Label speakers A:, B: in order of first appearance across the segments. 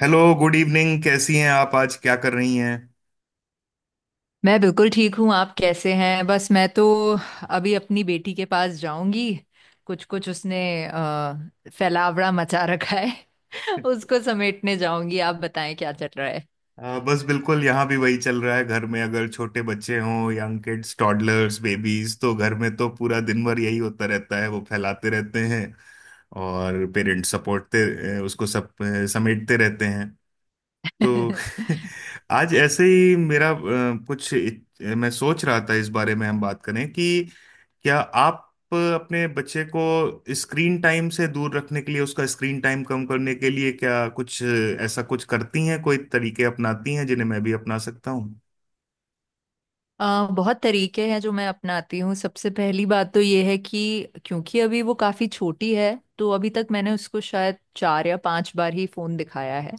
A: Hello, good evening. कैसी हैं आप? आज क्या कर रही हैं?
B: मैं बिल्कुल ठीक हूँ। आप कैसे हैं? बस मैं तो अभी अपनी बेटी के पास जाऊंगी। कुछ कुछ उसने फैलावड़ा मचा रखा है उसको समेटने जाऊंगी। आप बताएं क्या चल रहा
A: बस बिल्कुल यहाँ भी वही चल रहा है। घर में अगर छोटे बच्चे हों, यंग किड्स, टॉडलर्स, बेबीज, तो घर में तो पूरा दिन भर यही होता रहता है। वो फैलाते रहते हैं और पेरेंट्स सपोर्टते उसको, सब समेटते रहते हैं तो
B: है।
A: आज ऐसे ही मेरा मैं सोच रहा था इस बारे में हम बात करें कि क्या आप अपने बच्चे को स्क्रीन टाइम से दूर रखने के लिए, उसका स्क्रीन टाइम कम करने के लिए क्या कुछ ऐसा कुछ करती हैं, कोई तरीके अपनाती हैं जिन्हें मैं भी अपना सकता हूँ।
B: बहुत तरीके हैं जो मैं अपनाती हूँ। सबसे पहली बात तो ये है कि क्योंकि अभी वो काफ़ी छोटी है, तो अभी तक मैंने उसको शायद 4 या 5 बार ही फ़ोन दिखाया है।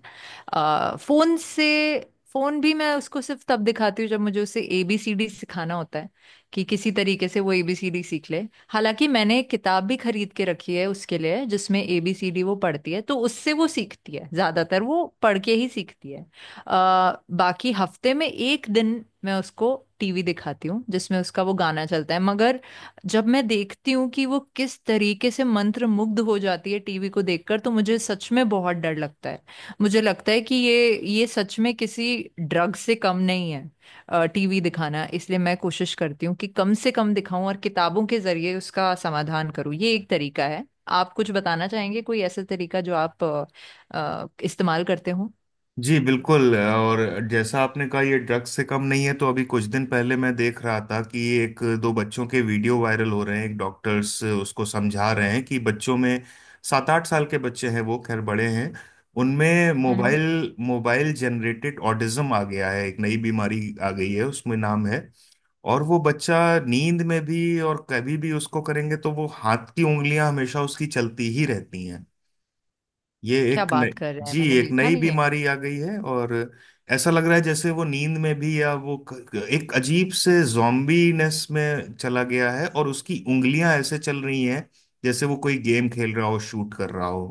B: अ, फ़ोन से फ़ोन भी मैं उसको सिर्फ तब दिखाती हूँ जब मुझे उसे एबीसीडी सिखाना होता है, कि किसी तरीके से वो एबीसीडी सीख ले। हालांकि मैंने एक किताब भी खरीद के रखी है उसके लिए, जिसमें एबीसीडी वो पढ़ती है, तो उससे वो सीखती है, ज़्यादातर वो पढ़ के ही सीखती है। बाकी हफ्ते में एक दिन मैं उसको टीवी दिखाती हूँ जिसमें उसका वो गाना चलता है। मगर जब मैं देखती हूँ कि वो किस तरीके से मंत्र मुग्ध हो जाती है टीवी को देखकर, तो मुझे सच में बहुत डर लगता है। मुझे लगता है कि ये सच में किसी ड्रग से कम नहीं है टीवी दिखाना, इसलिए मैं कोशिश करती हूँ कि कम से कम दिखाऊं, और किताबों के जरिए उसका समाधान करूँ। ये एक तरीका है। आप कुछ बताना चाहेंगे, कोई ऐसा तरीका जो आप इस्तेमाल करते हो?
A: जी बिल्कुल। और जैसा आपने कहा ये ड्रग्स से कम नहीं है, तो अभी कुछ दिन पहले मैं देख रहा था कि एक दो बच्चों के वीडियो वायरल हो रहे हैं। एक डॉक्टर्स उसको समझा रहे हैं कि बच्चों में, 7-8 साल के बच्चे हैं वो खैर बड़े हैं, उनमें मोबाइल मोबाइल जनरेटेड ऑटिज्म आ गया है। एक नई बीमारी आ गई है उसमें नाम है। और वो बच्चा नींद में भी और कभी भी उसको करेंगे तो वो हाथ की उंगलियां हमेशा उसकी चलती ही रहती। ये
B: क्या
A: एक नई,
B: बात कर रहे हैं!
A: जी
B: मैंने
A: एक
B: देखा
A: नई
B: नहीं है ये।
A: बीमारी आ गई है। और ऐसा लग रहा है जैसे वो नींद में भी, या वो एक अजीब से जॉम्बीनेस में चला गया है और उसकी उंगलियां ऐसे चल रही हैं जैसे वो कोई गेम खेल रहा हो, शूट कर रहा हो।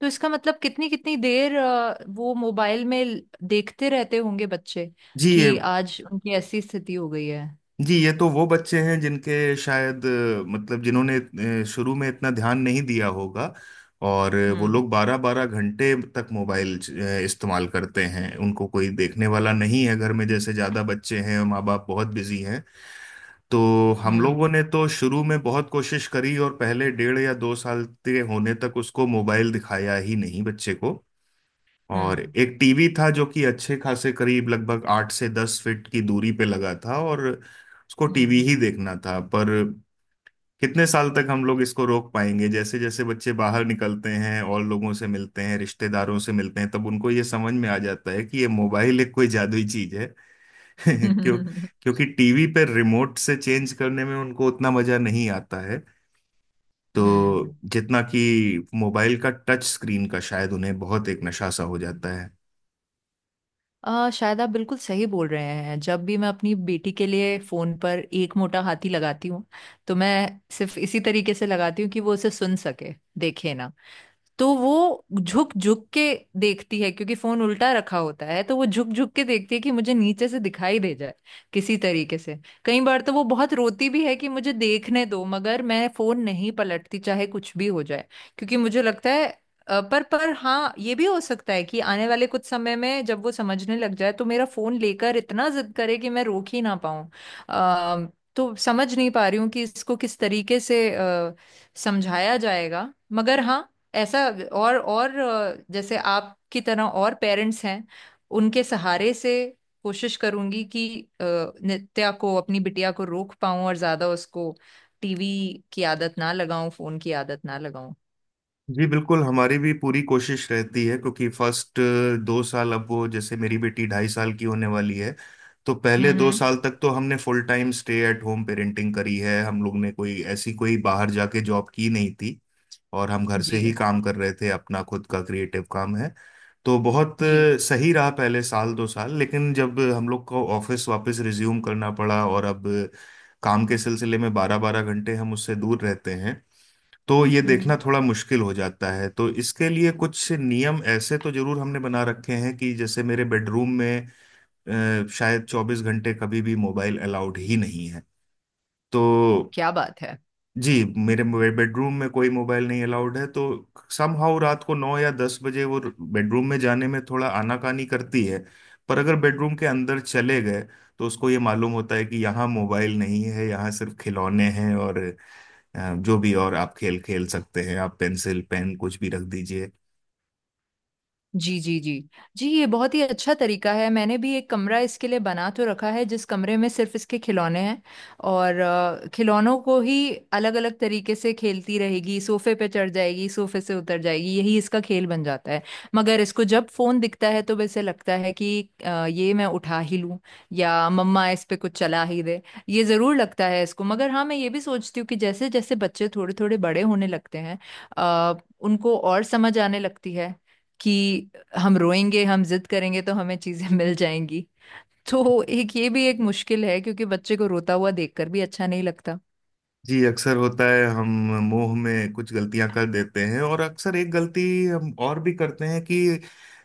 B: तो इसका मतलब कितनी कितनी देर वो मोबाइल में देखते रहते होंगे बच्चे,
A: जी ये
B: कि आज उनकी ऐसी स्थिति हो गई है?
A: जी ये तो वो बच्चे हैं जिनके शायद मतलब जिन्होंने शुरू में इतना ध्यान नहीं दिया होगा। और वो
B: हम्म।
A: लोग 12-12 घंटे तक मोबाइल इस्तेमाल करते हैं। उनको कोई देखने वाला नहीं है घर में, जैसे ज़्यादा बच्चे हैं और माँ बाप बहुत बिजी हैं। तो हम
B: हम्म।
A: लोगों ने तो शुरू में बहुत कोशिश करी और पहले 1.5 या 2 साल के होने तक उसको मोबाइल दिखाया ही नहीं बच्चे को। और
B: हम्म।
A: एक टीवी था जो कि अच्छे खासे करीब लगभग 8 से 10 फीट की दूरी पे लगा था, और उसको टीवी
B: हम्म।
A: ही देखना था। पर कितने साल तक हम लोग इसको रोक पाएंगे? जैसे जैसे बच्चे बाहर निकलते हैं और लोगों से मिलते हैं, रिश्तेदारों से मिलते हैं, तब उनको ये समझ में आ जाता है कि ये मोबाइल एक कोई जादुई चीज है। क्यों? क्योंकि टीवी पे रिमोट से चेंज करने में उनको उतना मजा नहीं आता है, तो
B: हम्म।
A: जितना कि मोबाइल का, टच स्क्रीन का, शायद उन्हें बहुत एक नशा सा हो जाता।
B: शायद आप बिल्कुल सही बोल रहे हैं। जब भी मैं अपनी बेटी के लिए फोन पर एक मोटा हाथी लगाती हूँ, तो मैं सिर्फ इसी तरीके से लगाती हूँ कि वो उसे सुन सके, देखे ना। तो वो झुक झुक के देखती है, क्योंकि फोन उल्टा रखा होता है, तो वो झुक झुक के देखती है कि मुझे नीचे से दिखाई दे जाए किसी तरीके से। कई बार तो वो बहुत रोती भी है कि मुझे देखने दो, मगर मैं फोन नहीं पलटती चाहे कुछ भी हो जाए, क्योंकि मुझे लगता है पर हाँ, ये भी हो सकता है कि आने वाले कुछ समय में जब वो समझने लग जाए तो मेरा फोन लेकर इतना जिद करे कि मैं रोक ही ना पाऊं। अ, तो समझ नहीं पा रही हूँ कि इसको किस तरीके से समझाया जाएगा। मगर हाँ, ऐसा और जैसे आपकी तरह और पेरेंट्स हैं, उनके सहारे से कोशिश करूंगी कि अ, नित्या को, अपनी बिटिया को रोक पाऊं, और ज्यादा उसको टीवी की आदत ना लगाऊं, फोन की आदत ना लगाऊं।
A: जी बिल्कुल, हमारी भी पूरी कोशिश रहती है। क्योंकि फर्स्ट 2 साल, अब वो जैसे मेरी बेटी 2.5 साल की होने वाली है, तो पहले
B: हम्म।
A: दो
B: हम्म।
A: साल तक तो हमने full time stay at home parenting करी है। हम लोग ने कोई ऐसी कोई बाहर जाके जॉब की नहीं थी, और हम घर से ही
B: जी,
A: काम कर रहे थे, अपना खुद का क्रिएटिव काम है। तो बहुत
B: जी।
A: सही रहा पहले साल दो साल। लेकिन जब हम लोग को ऑफिस वापस रिज्यूम करना पड़ा, और अब काम के सिलसिले में 12-12 घंटे हम उससे दूर रहते हैं, तो ये
B: हम्म।
A: देखना
B: हम्म।
A: थोड़ा मुश्किल हो जाता है। तो इसके लिए कुछ नियम ऐसे तो जरूर हमने बना रखे हैं कि जैसे मेरे बेडरूम में शायद 24 घंटे कभी भी मोबाइल अलाउड ही नहीं है। तो
B: क्या बात है!
A: जी, मेरे बेडरूम में कोई मोबाइल नहीं अलाउड है। तो समहाउ रात को 9 या 10 बजे वो बेडरूम में जाने में थोड़ा आनाकानी करती है, पर अगर बेडरूम के अंदर चले गए, तो उसको ये मालूम होता है कि यहाँ मोबाइल नहीं है, यहाँ सिर्फ खिलौने हैं और जो भी, और आप खेल खेल सकते हैं, आप पेंसिल, पेन कुछ भी रख दीजिए।
B: जी, जी, जी। जी, ये बहुत ही अच्छा तरीका है। मैंने भी एक कमरा इसके लिए बना तो रखा है जिस कमरे में सिर्फ इसके खिलौने हैं, और खिलौनों को ही अलग अलग तरीके से खेलती रहेगी। सोफे पे चढ़ जाएगी, सोफे से उतर जाएगी, यही इसका खेल बन जाता है। मगर इसको जब फोन दिखता है तो वैसे लगता है कि ये मैं उठा ही लूं, या मम्मा इस पे कुछ चला ही दे, ये जरूर लगता है इसको। मगर हाँ, मैं ये भी सोचती हूँ कि जैसे जैसे बच्चे थोड़े थोड़े बड़े होने लगते हैं अ, उनको और समझ आने लगती है कि हम रोएंगे, हम जिद करेंगे, तो हमें चीजें मिल जाएंगी। तो एक ये भी एक मुश्किल है, क्योंकि बच्चे को रोता हुआ देखकर भी अच्छा नहीं लगता।
A: जी अक्सर होता है, हम मोह में कुछ गलतियां कर देते हैं। और अक्सर एक गलती हम और भी करते हैं कि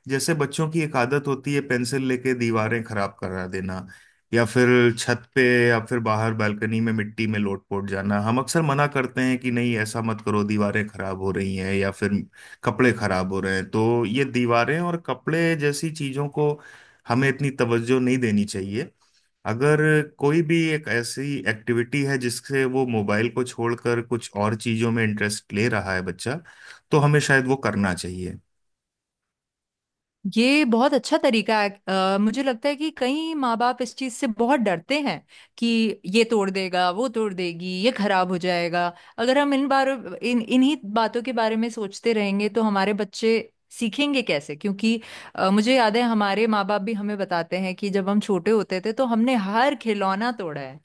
A: जैसे बच्चों की एक आदत होती है पेंसिल लेके दीवारें खराब करा देना, या फिर छत पे, या फिर बाहर बालकनी में मिट्टी में लोट-पोट जाना। हम अक्सर मना करते हैं कि नहीं ऐसा मत करो, दीवारें खराब हो रही हैं, या फिर कपड़े खराब हो रहे हैं। तो ये दीवारें और कपड़े जैसी चीजों को हमें इतनी तवज्जो नहीं देनी चाहिए। अगर कोई भी एक ऐसी एक्टिविटी है जिससे वो मोबाइल को छोड़कर कुछ और चीजों में इंटरेस्ट ले रहा है बच्चा, तो हमें शायद वो करना चाहिए।
B: ये बहुत अच्छा तरीका है। मुझे लगता है कि कई माँ बाप इस चीज से बहुत डरते हैं कि ये तोड़ देगा, वो तोड़ देगी, ये खराब हो जाएगा। अगर हम इन बार इन इन्हीं बातों के बारे में सोचते रहेंगे तो हमारे बच्चे सीखेंगे कैसे? क्योंकि मुझे याद है हमारे माँ बाप भी हमें बताते हैं कि जब हम छोटे होते थे तो हमने हर खिलौना तोड़ा है,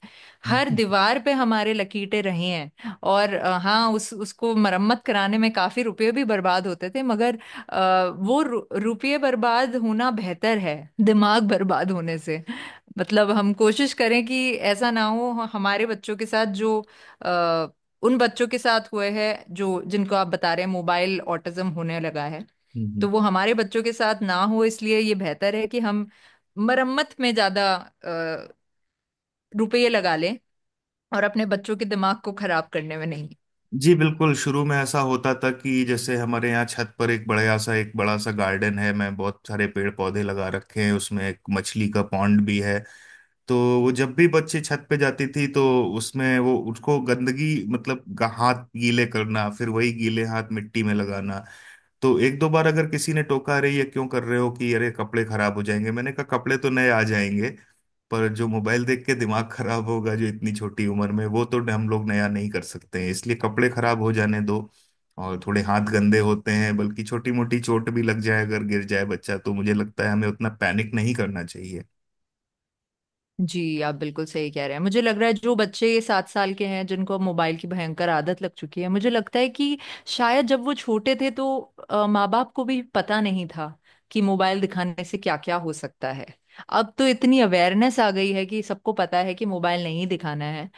B: हर दीवार पे हमारे लकीरें रही हैं। और हाँ, उस उसको मरम्मत कराने में काफी रुपए भी बर्बाद होते थे। मगर वो रुपये बर्बाद होना बेहतर है दिमाग बर्बाद होने से। मतलब हम कोशिश करें कि ऐसा ना हो हमारे बच्चों के साथ जो अ, उन बच्चों के साथ हुए हैं, जो जिनको आप बता रहे हैं, मोबाइल ऑटिज्म होने लगा है।
A: हम्म।
B: तो वो हमारे बच्चों के साथ ना हो, इसलिए ये बेहतर है कि हम मरम्मत में ज्यादा रुपये लगा लें, और अपने बच्चों के दिमाग को खराब करने में नहीं।
A: जी बिल्कुल। शुरू में ऐसा होता था कि जैसे हमारे यहाँ छत पर एक बड़ा सा गार्डन है, मैं बहुत सारे पेड़ पौधे लगा रखे हैं, उसमें एक मछली का पॉन्ड भी है। तो वो जब भी बच्चे छत पे जाती थी, तो उसमें वो उसको गंदगी, मतलब हाथ गीले करना, फिर वही गीले हाथ मिट्टी में लगाना। तो एक दो बार अगर किसी ने टोका, अरे ये क्यों कर रहे हो, कि अरे कपड़े खराब हो जाएंगे, मैंने कहा कपड़े तो नए आ जाएंगे। पर जो मोबाइल देख के दिमाग खराब होगा जो इतनी छोटी उम्र में, वो तो हम लोग नया नहीं कर सकते हैं, इसलिए कपड़े खराब हो जाने दो। और थोड़े हाथ गंदे होते हैं, बल्कि छोटी मोटी चोट भी लग जाए अगर गिर जाए बच्चा, तो मुझे लगता है हमें उतना पैनिक नहीं करना चाहिए।
B: जी, आप बिल्कुल सही कह रहे हैं। मुझे लग रहा है जो बच्चे ये 7 साल के हैं जिनको अब मोबाइल की भयंकर आदत लग चुकी है, मुझे लगता है कि शायद जब वो छोटे थे तो माँ बाप को भी पता नहीं था कि मोबाइल दिखाने से क्या क्या हो सकता है। अब तो इतनी अवेयरनेस आ गई है कि सबको पता है कि मोबाइल नहीं दिखाना है।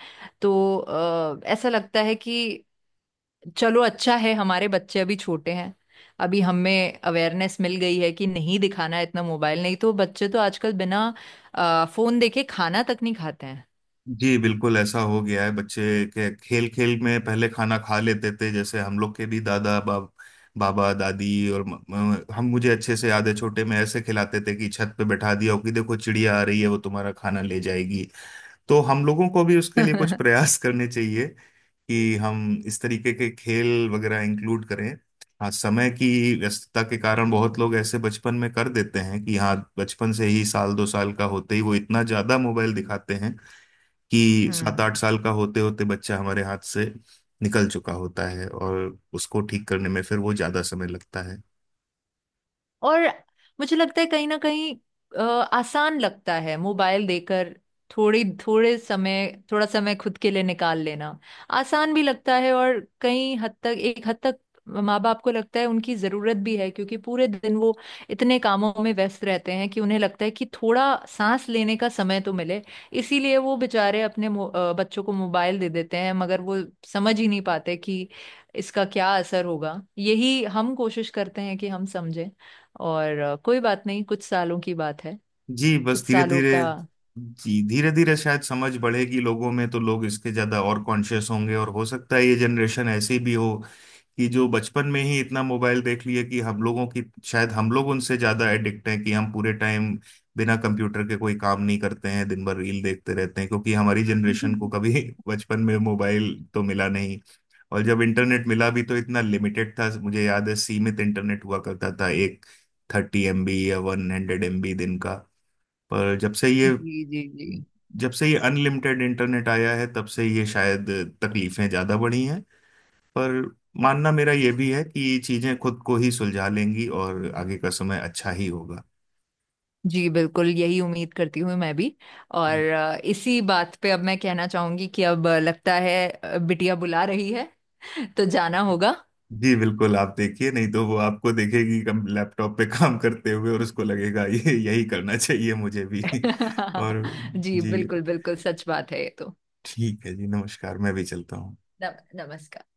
B: तो ऐसा लगता है कि चलो अच्छा है, हमारे बच्चे अभी छोटे हैं, अभी हमें अवेयरनेस मिल गई है कि नहीं दिखाना है इतना मोबाइल। नहीं तो बच्चे तो आजकल बिना फोन देखे खाना तक नहीं खाते हैं।
A: जी बिल्कुल ऐसा हो गया है। बच्चे के खेल खेल में पहले खाना खा लेते थे, जैसे हम लोग के भी दादा बाबा दादी, और म, म- हम, मुझे अच्छे से याद है छोटे में ऐसे खिलाते थे कि छत पे बैठा दिया हो कि देखो चिड़िया आ रही है, वो तुम्हारा खाना ले जाएगी। तो हम लोगों को भी उसके लिए कुछ प्रयास करने चाहिए कि हम इस तरीके के खेल वगैरह इंक्लूड करें। हाँ, समय की व्यस्तता के कारण बहुत लोग ऐसे बचपन में कर देते हैं कि हाँ बचपन से ही, साल दो साल का होते ही वो इतना ज्यादा मोबाइल दिखाते हैं कि सात आठ
B: हम्म।
A: साल का होते होते बच्चा हमारे हाथ से निकल चुका होता है और उसको ठीक करने में फिर वो ज्यादा समय लगता है।
B: और मुझे लगता है कहीं ना कहीं आसान लगता है मोबाइल देकर थोड़ी थोड़े समय थोड़ा समय खुद के लिए निकाल लेना। आसान भी लगता है, और कहीं हद तक, एक हद तक माँ बाप को लगता है उनकी जरूरत भी है, क्योंकि पूरे दिन वो इतने कामों में व्यस्त रहते हैं कि उन्हें लगता है कि थोड़ा सांस लेने का समय तो मिले। इसीलिए वो बेचारे अपने बच्चों को मोबाइल दे देते हैं, मगर वो समझ ही नहीं पाते कि इसका क्या असर होगा। यही हम कोशिश करते हैं कि हम समझें। और कोई बात नहीं, कुछ सालों की बात है।
A: जी बस
B: कुछ
A: धीरे
B: सालों
A: धीरे,
B: का
A: जी धीरे धीरे शायद समझ बढ़ेगी लोगों में, तो लोग इसके ज्यादा और कॉन्शियस होंगे। और हो सकता है ये जनरेशन ऐसी भी हो कि जो बचपन में ही इतना मोबाइल देख लिए कि, हम लोगों की, शायद हम लोग उनसे ज्यादा एडिक्ट हैं कि हम पूरे टाइम बिना कंप्यूटर के कोई काम नहीं करते हैं, दिन भर रील देखते रहते हैं। क्योंकि हमारी जनरेशन को कभी बचपन में मोबाइल तो मिला नहीं, और जब इंटरनेट मिला भी तो इतना लिमिटेड था, मुझे याद है सीमित इंटरनेट हुआ करता था, एक 30 MB या 100 MB दिन का। पर
B: जी, जी। जी,
A: जब से ये अनलिमिटेड इंटरनेट आया है, तब से ये शायद तकलीफें ज़्यादा बढ़ी हैं। पर मानना मेरा ये भी है कि ये चीज़ें खुद को ही सुलझा लेंगी और आगे का समय अच्छा ही होगा।
B: जी बिल्कुल यही उम्मीद करती हूँ मैं भी। और इसी बात पे अब मैं कहना चाहूंगी कि अब लगता है बिटिया बुला रही है तो जाना होगा।
A: जी बिल्कुल, आप देखिए नहीं तो वो आपको देखेगी कम लैपटॉप पे काम करते हुए और उसको लगेगा ये यही करना चाहिए मुझे भी। और
B: जी,
A: जी,
B: बिल्कुल। बिल्कुल सच बात है ये तो।
A: ठीक है जी, नमस्कार। मैं भी चलता हूँ।
B: नम, नमस्कार।